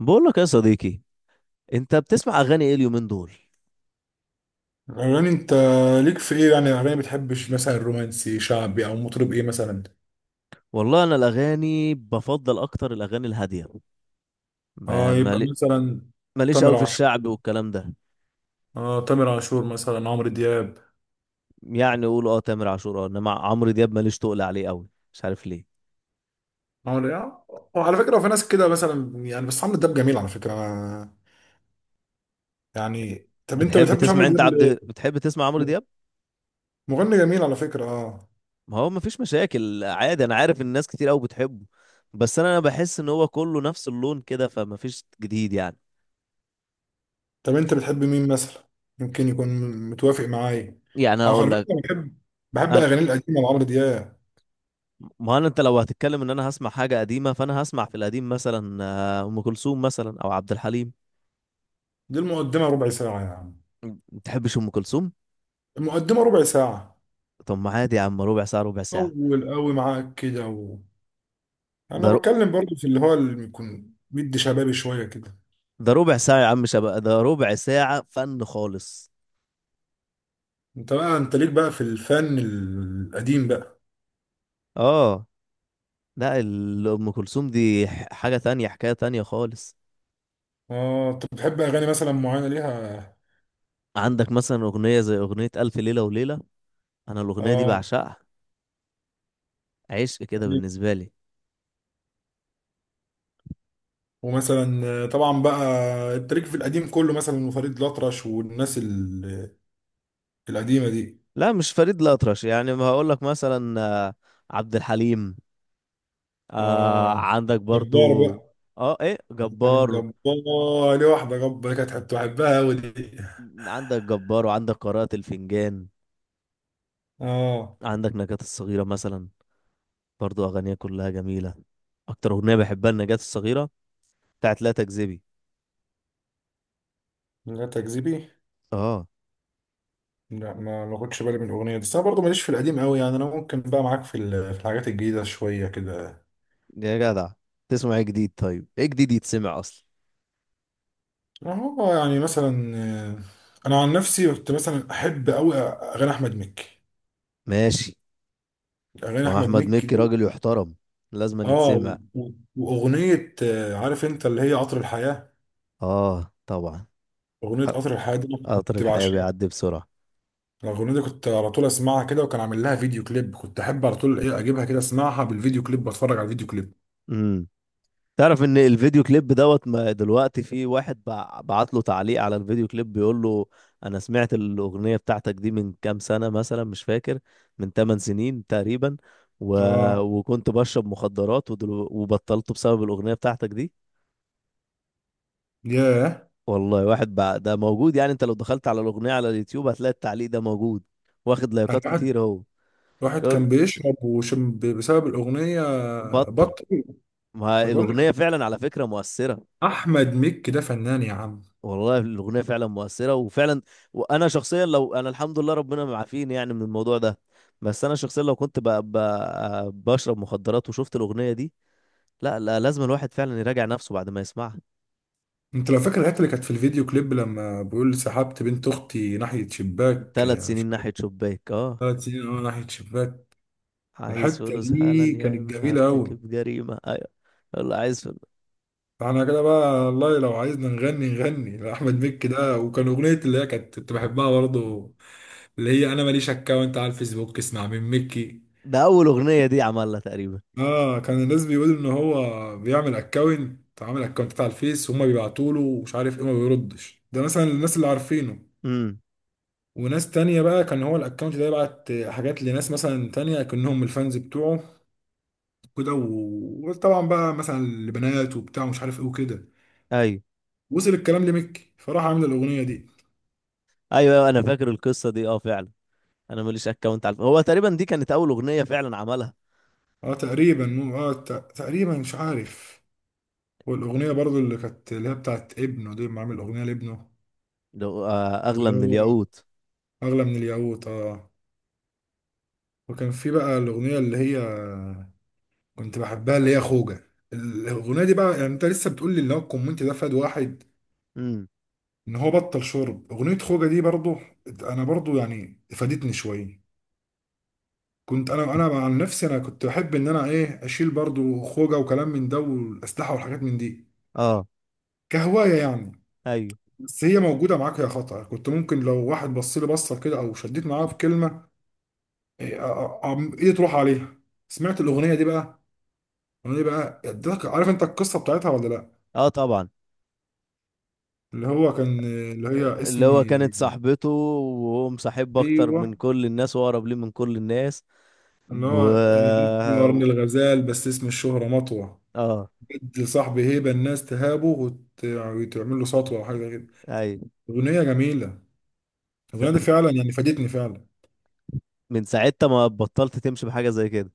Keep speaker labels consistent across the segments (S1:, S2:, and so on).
S1: بقول لك يا صديقي، انت بتسمع اغاني ايه اليومين دول؟
S2: يعني انت ليك في ايه، يعني اغاني بتحبش مثلا رومانسي شعبي او مطرب ايه مثلا؟
S1: والله انا الاغاني بفضل اكتر الاغاني الهاديه. ب-
S2: اه، يبقى
S1: مالي-
S2: مثلا
S1: ماليش
S2: تامر
S1: قوي في
S2: عاشور.
S1: الشعب والكلام ده.
S2: اه، تامر عاشور مثلا، عمرو دياب.
S1: يعني قول اه تامر عاشور، اه انما عمرو دياب ماليش تقل عليه قوي. مش عارف ليه.
S2: عمرو يعني، وعلى فكره هو في ناس كده مثلا يعني، بس عمرو دياب جميل على فكره انا. يعني طب انت بتحبش عمرو دياب ليه؟
S1: بتحب تسمع عمرو دياب؟
S2: مغني جميل على فكره، اه.
S1: ما هو مفيش مشاكل، عادي، انا عارف الناس كتير قوي بتحبه. بس انا بحس ان هو كله نفس اللون كده فمفيش جديد يعني.
S2: طب انت بتحب مين مثلا، يمكن يكون متوافق معايا؟
S1: يعني
S2: اه،
S1: هقول
S2: على
S1: لك،
S2: فكره بحب بحب
S1: انا
S2: اغاني القديمه لعمرو دياب.
S1: ما انا انت لو هتتكلم ان انا هسمع حاجه قديمه، فانا هسمع في القديم مثلا ام كلثوم مثلا او عبد الحليم.
S2: دي المقدمه ربع ساعه يعني.
S1: ما تحبش ام كلثوم؟
S2: المقدمه ربع ساعه،
S1: طب ما عادي يا عم، ربع ساعه ربع ساعه.
S2: طول قوي معاك كده
S1: ده
S2: انا
S1: ر...
S2: بتكلم برضو في اللي هو، اللي يكون مدي شبابي شويه كده.
S1: ده ربع ساعه يا عم، شباب، ده ربع ساعه فن خالص.
S2: انت ليك بقى في الفن القديم بقى؟
S1: اه. لا، ام كلثوم دي حاجه تانية، حكايه تانية خالص.
S2: اه، انت بتحب اغاني مثلا معينه ليها؟
S1: عندك مثلا اغنيه زي اغنيه الف ليله وليله، انا الاغنيه دي
S2: اه،
S1: بعشقها، عشق كده بالنسبه لي.
S2: ومثلا طبعا بقى، انت ليك في القديم كله مثلا وفريد الأطرش والناس القديمه دي.
S1: لا مش فريد الأطرش، يعني ما هقول لك مثلا، عبد الحليم. آه،
S2: اه،
S1: عندك برضو.
S2: جبار بقى.
S1: اه، ايه
S2: يعني
S1: جبار؟
S2: جبار، ليه واحده جبار كانت بحبها قوي دي.
S1: عندك جبار وعندك قراءة الفنجان.
S2: اه،
S1: عندك نجاة الصغيرة مثلا، برضو أغانيها كلها جميلة. أكتر أغنية بحبها النجاة الصغيرة بتاعت لا تكذبي.
S2: لا تكذبي.
S1: اه.
S2: لا، ما خدش بالي من الاغنيه دي، بس انا برضه ماليش في القديم قوي، يعني انا ممكن بقى معاك في الحاجات الجديده شويه كده.
S1: يا جدع، تسمع ايه جديد؟ طيب ايه جديد يتسمع أصلا؟
S2: هو يعني مثلا، انا عن نفسي كنت مثلا احب قوي اغاني احمد مكي.
S1: ماشي.
S2: اغاني
S1: ما هو
S2: احمد
S1: أحمد
S2: مكي
S1: مكي
S2: دي،
S1: راجل يحترم، لازم أن
S2: اه،
S1: يتسمع.
S2: واغنيه عارف انت اللي هي قطر الحياه.
S1: اه طبعا.
S2: اغنيه قطر الحياه دي أنا
S1: قطر
S2: كنت
S1: الحياة
S2: بعشقها.
S1: بيعدي بسرعة.
S2: الاغنيه دي كنت على طول اسمعها كده، وكان عامل لها فيديو كليب، كنت احب على طول ايه اجيبها كده اسمعها بالفيديو كليب واتفرج على الفيديو كليب.
S1: امم تعرف ان الفيديو كليب دوت ما دلوقتي في واحد بعت له تعليق على الفيديو كليب بيقول له: انا سمعت الاغنيه بتاعتك دي من كام سنه، مثلا مش فاكر، من 8 سنين تقريبا، و...
S2: اه،
S1: وكنت بشرب مخدرات وبطلت بسبب الاغنيه بتاعتك دي.
S2: ياه.
S1: والله واحد ده موجود، يعني انت لو دخلت على الاغنيه على اليوتيوب هتلاقي التعليق ده موجود واخد لايكات كتير اهو.
S2: واحد
S1: يقول
S2: كان بيشرب وشم بسبب الأغنية.
S1: بطل.
S2: بطل.
S1: ما
S2: ما بقول لك،
S1: الاغنيه فعلا على فكره مؤثره.
S2: أحمد مكي ده فنان يا عم.
S1: والله الاغنيه فعلا مؤثره وفعلا، وانا شخصيا لو انا الحمد لله ربنا معافيني يعني من الموضوع ده، بس انا شخصيا لو كنت بقى بشرب مخدرات وشفت الاغنيه دي، لا لا لازم الواحد فعلا يراجع نفسه بعد ما يسمعها.
S2: أنت لو فاكر الحتة اللي كانت في الفيديو كليب، لما بيقول سحبت بنت أختي ناحية شباك،
S1: ثلاث
S2: يعني مش
S1: سنين
S2: فاكر؟
S1: ناحيه شباك، اه.
S2: 3 سنين، أه، ناحية شباك.
S1: عايز
S2: الحتة
S1: فلوس
S2: دي
S1: حالا يا
S2: كانت
S1: اما
S2: جميلة أوي.
S1: هرتكب جريمه، ايوه. والله عايز فلوس.
S2: فاحنا كده بقى والله، لو عايزنا نغني نغني لأحمد مكي ده، وكان أغنية اللي هي كنت بحبها برضه. اللي هي أنا ماليش أكاونت على الفيسبوك، اسمع من مكي.
S1: ده اول اغنيه دي عملها تقريبا.
S2: اه، كان الناس بيقولوا ان هو بيعمل اكونت، عامل اكونت على الفيس، وهم بيبعتوا له ومش عارف ايه، ما بيردش، ده مثلا الناس اللي عارفينه.
S1: امم،
S2: وناس تانية بقى كان هو الاكونت ده يبعت حاجات لناس مثلا تانية، كأنهم الفانز بتوعه كده، وطبعا بقى مثلا لبنات وبتاع ومش عارف ايه وكده.
S1: ايوه،
S2: وصل الكلام لميكي، فراح عامل الأغنية دي.
S1: ايوه، أيوة، انا فاكر القصه دي، اه فعلا. انا ماليش اكونت على هو تقريبا دي كانت اول اغنيه فعلا عملها.
S2: اه، تقريبا مش عارف. والأغنية برضو اللي كانت اللي هي بتاعت ابنه دي، ما عامل أغنية لابنه.
S1: اغلى
S2: اللي
S1: من
S2: هو
S1: الياقوت.
S2: أغلى من الياقوت، اه. وكان في بقى الاغنيه اللي هي كنت بحبها، اللي هي خوجه، الاغنيه دي بقى، يعني انت لسه بتقول لي اللي هو الكومنت ده فاد واحد. ان هو بطل شرب، اغنيه خوجه دي برضو. انا برضو يعني فادتني شويه. كنت انا عن نفسي، انا كنت بحب ان انا ايه اشيل برضو خوجه وكلام من ده، والاسلحه والحاجات من دي.
S1: اه.
S2: كهوايه يعني.
S1: ايوه.
S2: بس هي موجوده معاك، يا خطأ كنت ممكن لو واحد بص لي بصه كده او شديت معاه في كلمه. إيه، ايدي تروح عليها. سمعت الاغنيه دي بقى. الاغنيه دي بقى ادتك، عارف انت القصه بتاعتها ولا لا؟
S1: اه طبعا.
S2: اللي هو كان اللي هي
S1: اللي
S2: اسمي،
S1: هو كانت صاحبته وهو مصاحب اكتر
S2: ايوه،
S1: من كل الناس واقرب ليه من كل الناس.
S2: اللي
S1: ب...
S2: هو اسمي قرن الغزال، بس اسم الشهرة مطوة.
S1: اه.
S2: جد صاحبي هيبة، الناس تهابه وتعمل له سطوة او حاجة كده.
S1: ايوه.
S2: اغنية جميلة.
S1: ف...
S2: الاغنية دي
S1: ف-
S2: فعلا يعني فادتني فعلا.
S1: من ساعتها ما بطلت تمشي بحاجه زي كده.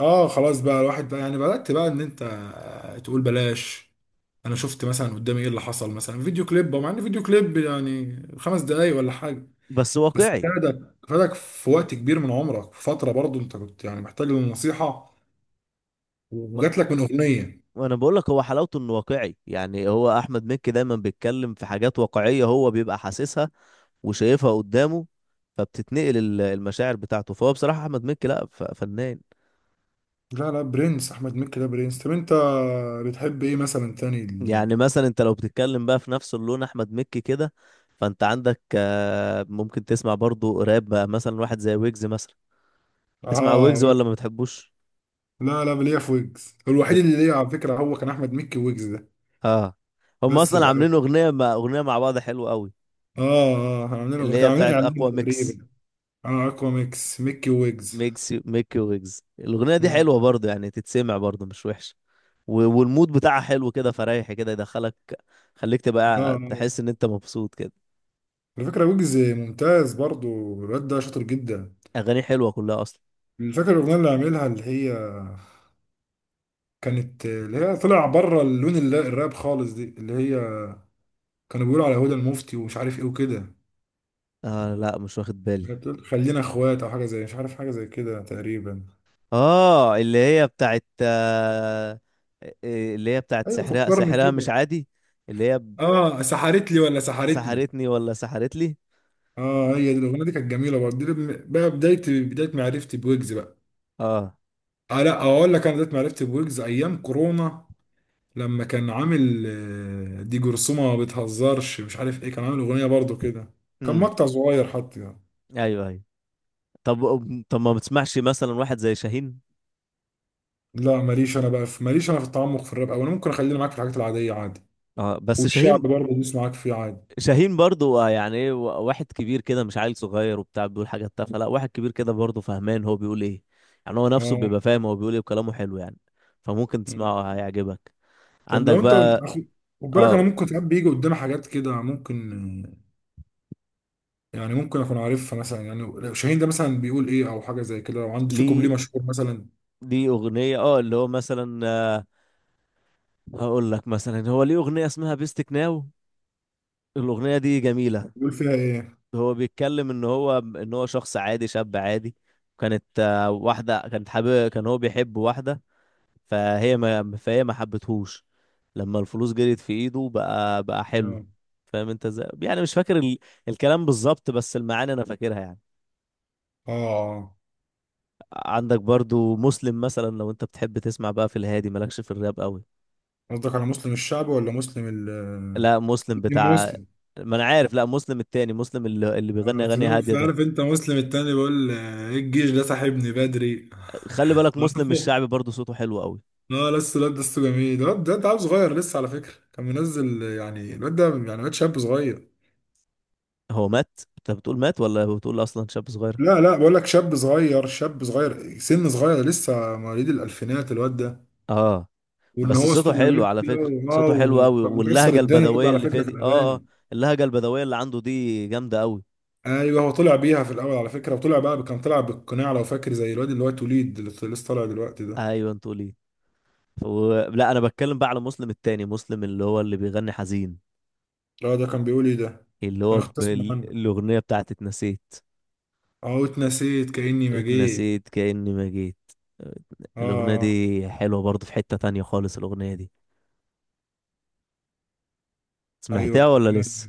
S2: اه، خلاص بقى، الواحد بقى يعني بدأت بقى ان انت تقول بلاش. انا شفت مثلا قدامي ايه اللي حصل مثلا، فيديو كليب، مع ان فيديو كليب يعني 5 دقايق ولا حاجة.
S1: بس
S2: بس
S1: واقعي.
S2: فادك فادك في وقت كبير من عمرك، في فترة برضه انت كنت يعني محتاج للنصيحة،
S1: ما...
S2: وجات لك من اغنيه.
S1: ما انا بقول لك، هو حلاوته انه واقعي، يعني هو احمد مكي دايما بيتكلم في حاجات واقعيه، هو بيبقى حاسسها وشايفها قدامه، فبتتنقل المشاعر بتاعته، فهو بصراحه احمد مكي لا فنان.
S2: لا لا، برنس، احمد مكي ده برنس. طب انت بتحب ايه مثلا تاني
S1: يعني مثلا انت لو بتتكلم بقى في نفس اللون احمد مكي كده، فانت عندك، ممكن تسمع برضو راب بقى مثلا واحد زي ويجز مثلا. تسمع
S2: اه،
S1: ويجز ولا
S2: ويجز.
S1: ما بتحبوش؟
S2: لا لا، ليا في ويجز الوحيد
S1: بت...
S2: اللي ليا على فكره هو كان احمد مكي، ويجز ده.
S1: اه. هم
S2: بس
S1: اصلا عاملين اغنيه مع بعض حلوه قوي،
S2: كانوا عاملين
S1: اللي هي
S2: كانوا عاملين
S1: بتاعت
S2: اعلان
S1: اقوى ميكس،
S2: تقريبا. اه، اكوا ميكس، مكي ويجز.
S1: ميكس ميكي ويجز. الاغنيه دي
S2: مم.
S1: حلوه برضو، يعني تتسمع برضو مش وحشه، والمود بتاعها حلو كده، فريح كده، يدخلك، خليك
S2: اه،
S1: تبقى
S2: آه.
S1: تحس ان انت مبسوط كده.
S2: على فكره ويجز ممتاز برضو. الواد ده شاطر جدا.
S1: اغاني حلوه كلها اصلا.
S2: فاكر الاغنيه اللي عاملها اللي هي كانت، اللي هي طلع بره اللون الراب خالص دي، اللي هي. كانوا بيقولوا على هدى المفتي ومش عارف ايه وكده.
S1: آه لا، مش واخد بالي.
S2: بتقول خلينا اخوات او حاجه زي، مش عارف، حاجه زي كده تقريبا.
S1: اه اللي هي بتاعت، اللي هي بتاعت
S2: ايوه،
S1: سحرها،
S2: فكرني
S1: سحرها مش
S2: كده.
S1: عادي. اللي هي
S2: اه، سحرت لي ولا سحرتني؟
S1: سحرتني ولا سحرت لي؟
S2: اه، هي دي الاغنيه، دي كانت جميله برضه دي. بقى بدايه، بدايه معرفتي بويجز بقى.
S1: اه.
S2: آه، لا، اقول لك انا بدايه معرفتي بويجز ايام كورونا. لما كان عامل دي جرثومه ما بتهزرش، مش عارف ايه، كان عامل اغنيه برضه كده. كان
S1: امم،
S2: مقطع صغير حتى يعني.
S1: ايوه، ايوه. طب طب ما بتسمعش مثلا واحد زي شاهين؟
S2: لا، ماليش انا في التعمق في الراب، او انا ممكن اخليني معاك في الحاجات العاديه عادي.
S1: اه بس
S2: والشعب
S1: شاهين،
S2: برضه بيسمعك فيه عادي.
S1: شاهين برضو، يعني ايه، واحد كبير كده مش عيل صغير وبتاع بيقول حاجات تافهه، لا واحد كبير كده برضو فهمان هو بيقول ايه، يعني هو نفسه
S2: اه،
S1: بيبقى فاهم هو بيقول ايه، وكلامه حلو يعني. فممكن تسمعه هيعجبك.
S2: طب
S1: عندك
S2: لو انت،
S1: بقى.
S2: خد بالك، انا
S1: اه.
S2: ممكن ساعات بيجي قدامي حاجات كده ممكن. يعني ممكن اكون عارفها مثلا، يعني لو شاهين ده مثلا بيقول ايه او حاجه زي كده، لو عنده في كوبليه
S1: ليه
S2: مشهور مثلا.
S1: ليه اغنيه، اه اللي هو مثلا، هقول لك مثلا، هو ليه اغنيه اسمها بيستك ناو، الاغنيه دي جميله.
S2: بيقول فيها ايه؟
S1: هو بيتكلم ان هو شخص عادي، شاب عادي. كانت، واحده كانت حابب، كان هو بيحب واحده، فهي ما حبتهوش. لما الفلوس جريت في ايده بقى حلو. فاهم انت ازاي؟ يعني مش فاكر الكلام بالظبط، بس المعاني انا فاكرها يعني.
S2: اه، آه.
S1: عندك برضو مسلم مثلا، لو انت بتحب تسمع بقى في الهادي، مالكش في الراب قوي.
S2: قصدك على مسلم الشعب ولا مسلم
S1: لا مسلم
S2: الدين
S1: بتاع.
S2: مسلم؟
S1: ما انا عارف، لا مسلم التاني، مسلم اللي بيغني اغاني هاديه
S2: أصل
S1: ده.
S2: عارف انت مسلم التاني بيقول ايه، الجيش ده صاحبني بدري.
S1: خلي بالك مسلم
S2: عارفه.
S1: الشعبي برضه صوته حلو قوي.
S2: اه، لسه الواد ده لسه جميل، الواد ده عيل صغير لسه على فكره، كان منزل يعني الواد ده يعني واد شاب صغير.
S1: هو مات؟ انت بتقول مات ولا بتقول اصلا شاب صغير؟
S2: لا لا، بقول لك شاب صغير، شاب صغير، سن صغير، لسه مواليد الالفينات الواد ده.
S1: اه.
S2: وان
S1: بس
S2: هو صوته
S1: صوته حلو
S2: جميل
S1: على
S2: كده.
S1: فكره،
S2: اه،
S1: صوته حلو
S2: وكان
S1: قوي،
S2: مكسر
S1: واللهجه
S2: الدنيا الواد ده
S1: البدويه
S2: على
S1: اللي فيها
S2: فكره في
S1: دي، اه اه.
S2: الاغاني.
S1: اللهجه البدويه اللي عنده دي جامده قوي.
S2: ايوه، هو طلع بيها في الاول على فكره، وطلع بقى كان طلع بالقناع، لو فاكر، زي الواد اللي هو توليد اللي لسه طالع دلوقتي ده.
S1: ايوه، انتوا ليه. لا انا بتكلم بقى على مسلم التاني، مسلم اللي هو اللي بيغني حزين.
S2: لا، ده كان بيقول ايه ده؟
S1: اللي
S2: انا
S1: هو
S2: كنت اسمع عنه.
S1: الاغنيه بتاعت اتنسيت.
S2: اه، اتنسيت كاني ما جيت.
S1: اتنسيت كأني ما جيت. الأغنية
S2: اه،
S1: دي حلوة برضه، في حتة تانية خالص الأغنية دي.
S2: ايوه،
S1: سمعتها
S2: كنت
S1: ولا لسه؟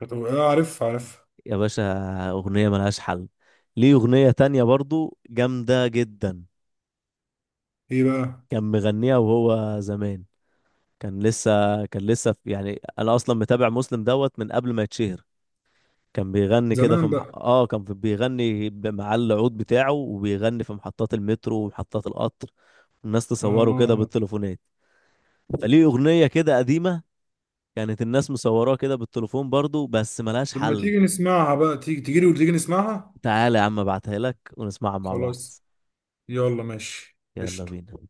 S2: كنت عارف.
S1: يا باشا، أغنية ملهاش حل. ليه أغنية تانية برضه جامدة جدا.
S2: ايه بقى؟
S1: كان مغنيها وهو زمان. كان لسه كان لسه في، يعني أنا أصلا متابع مسلم دوت من قبل ما يتشهر. كان بيغني كده في
S2: زمان
S1: مح...
S2: بقى.
S1: اه كان في- بيغني ب- مع العود بتاعه، وبيغني في محطات المترو ومحطات القطر، والناس تصوره كده
S2: اه،
S1: بالتليفونات. فليه أغنية كده قديمة، كانت الناس مصوراه كده بالتليفون برضو، بس ملهاش
S2: طب ما
S1: حل.
S2: تيجي نسمعها بقى، تيجي تيجي لي وتيجي نسمعها.
S1: تعالى يا عم ابعتها لك ونسمعها مع بعض.
S2: خلاص. يلا، ماشي،
S1: يلا
S2: قشطة.
S1: بينا.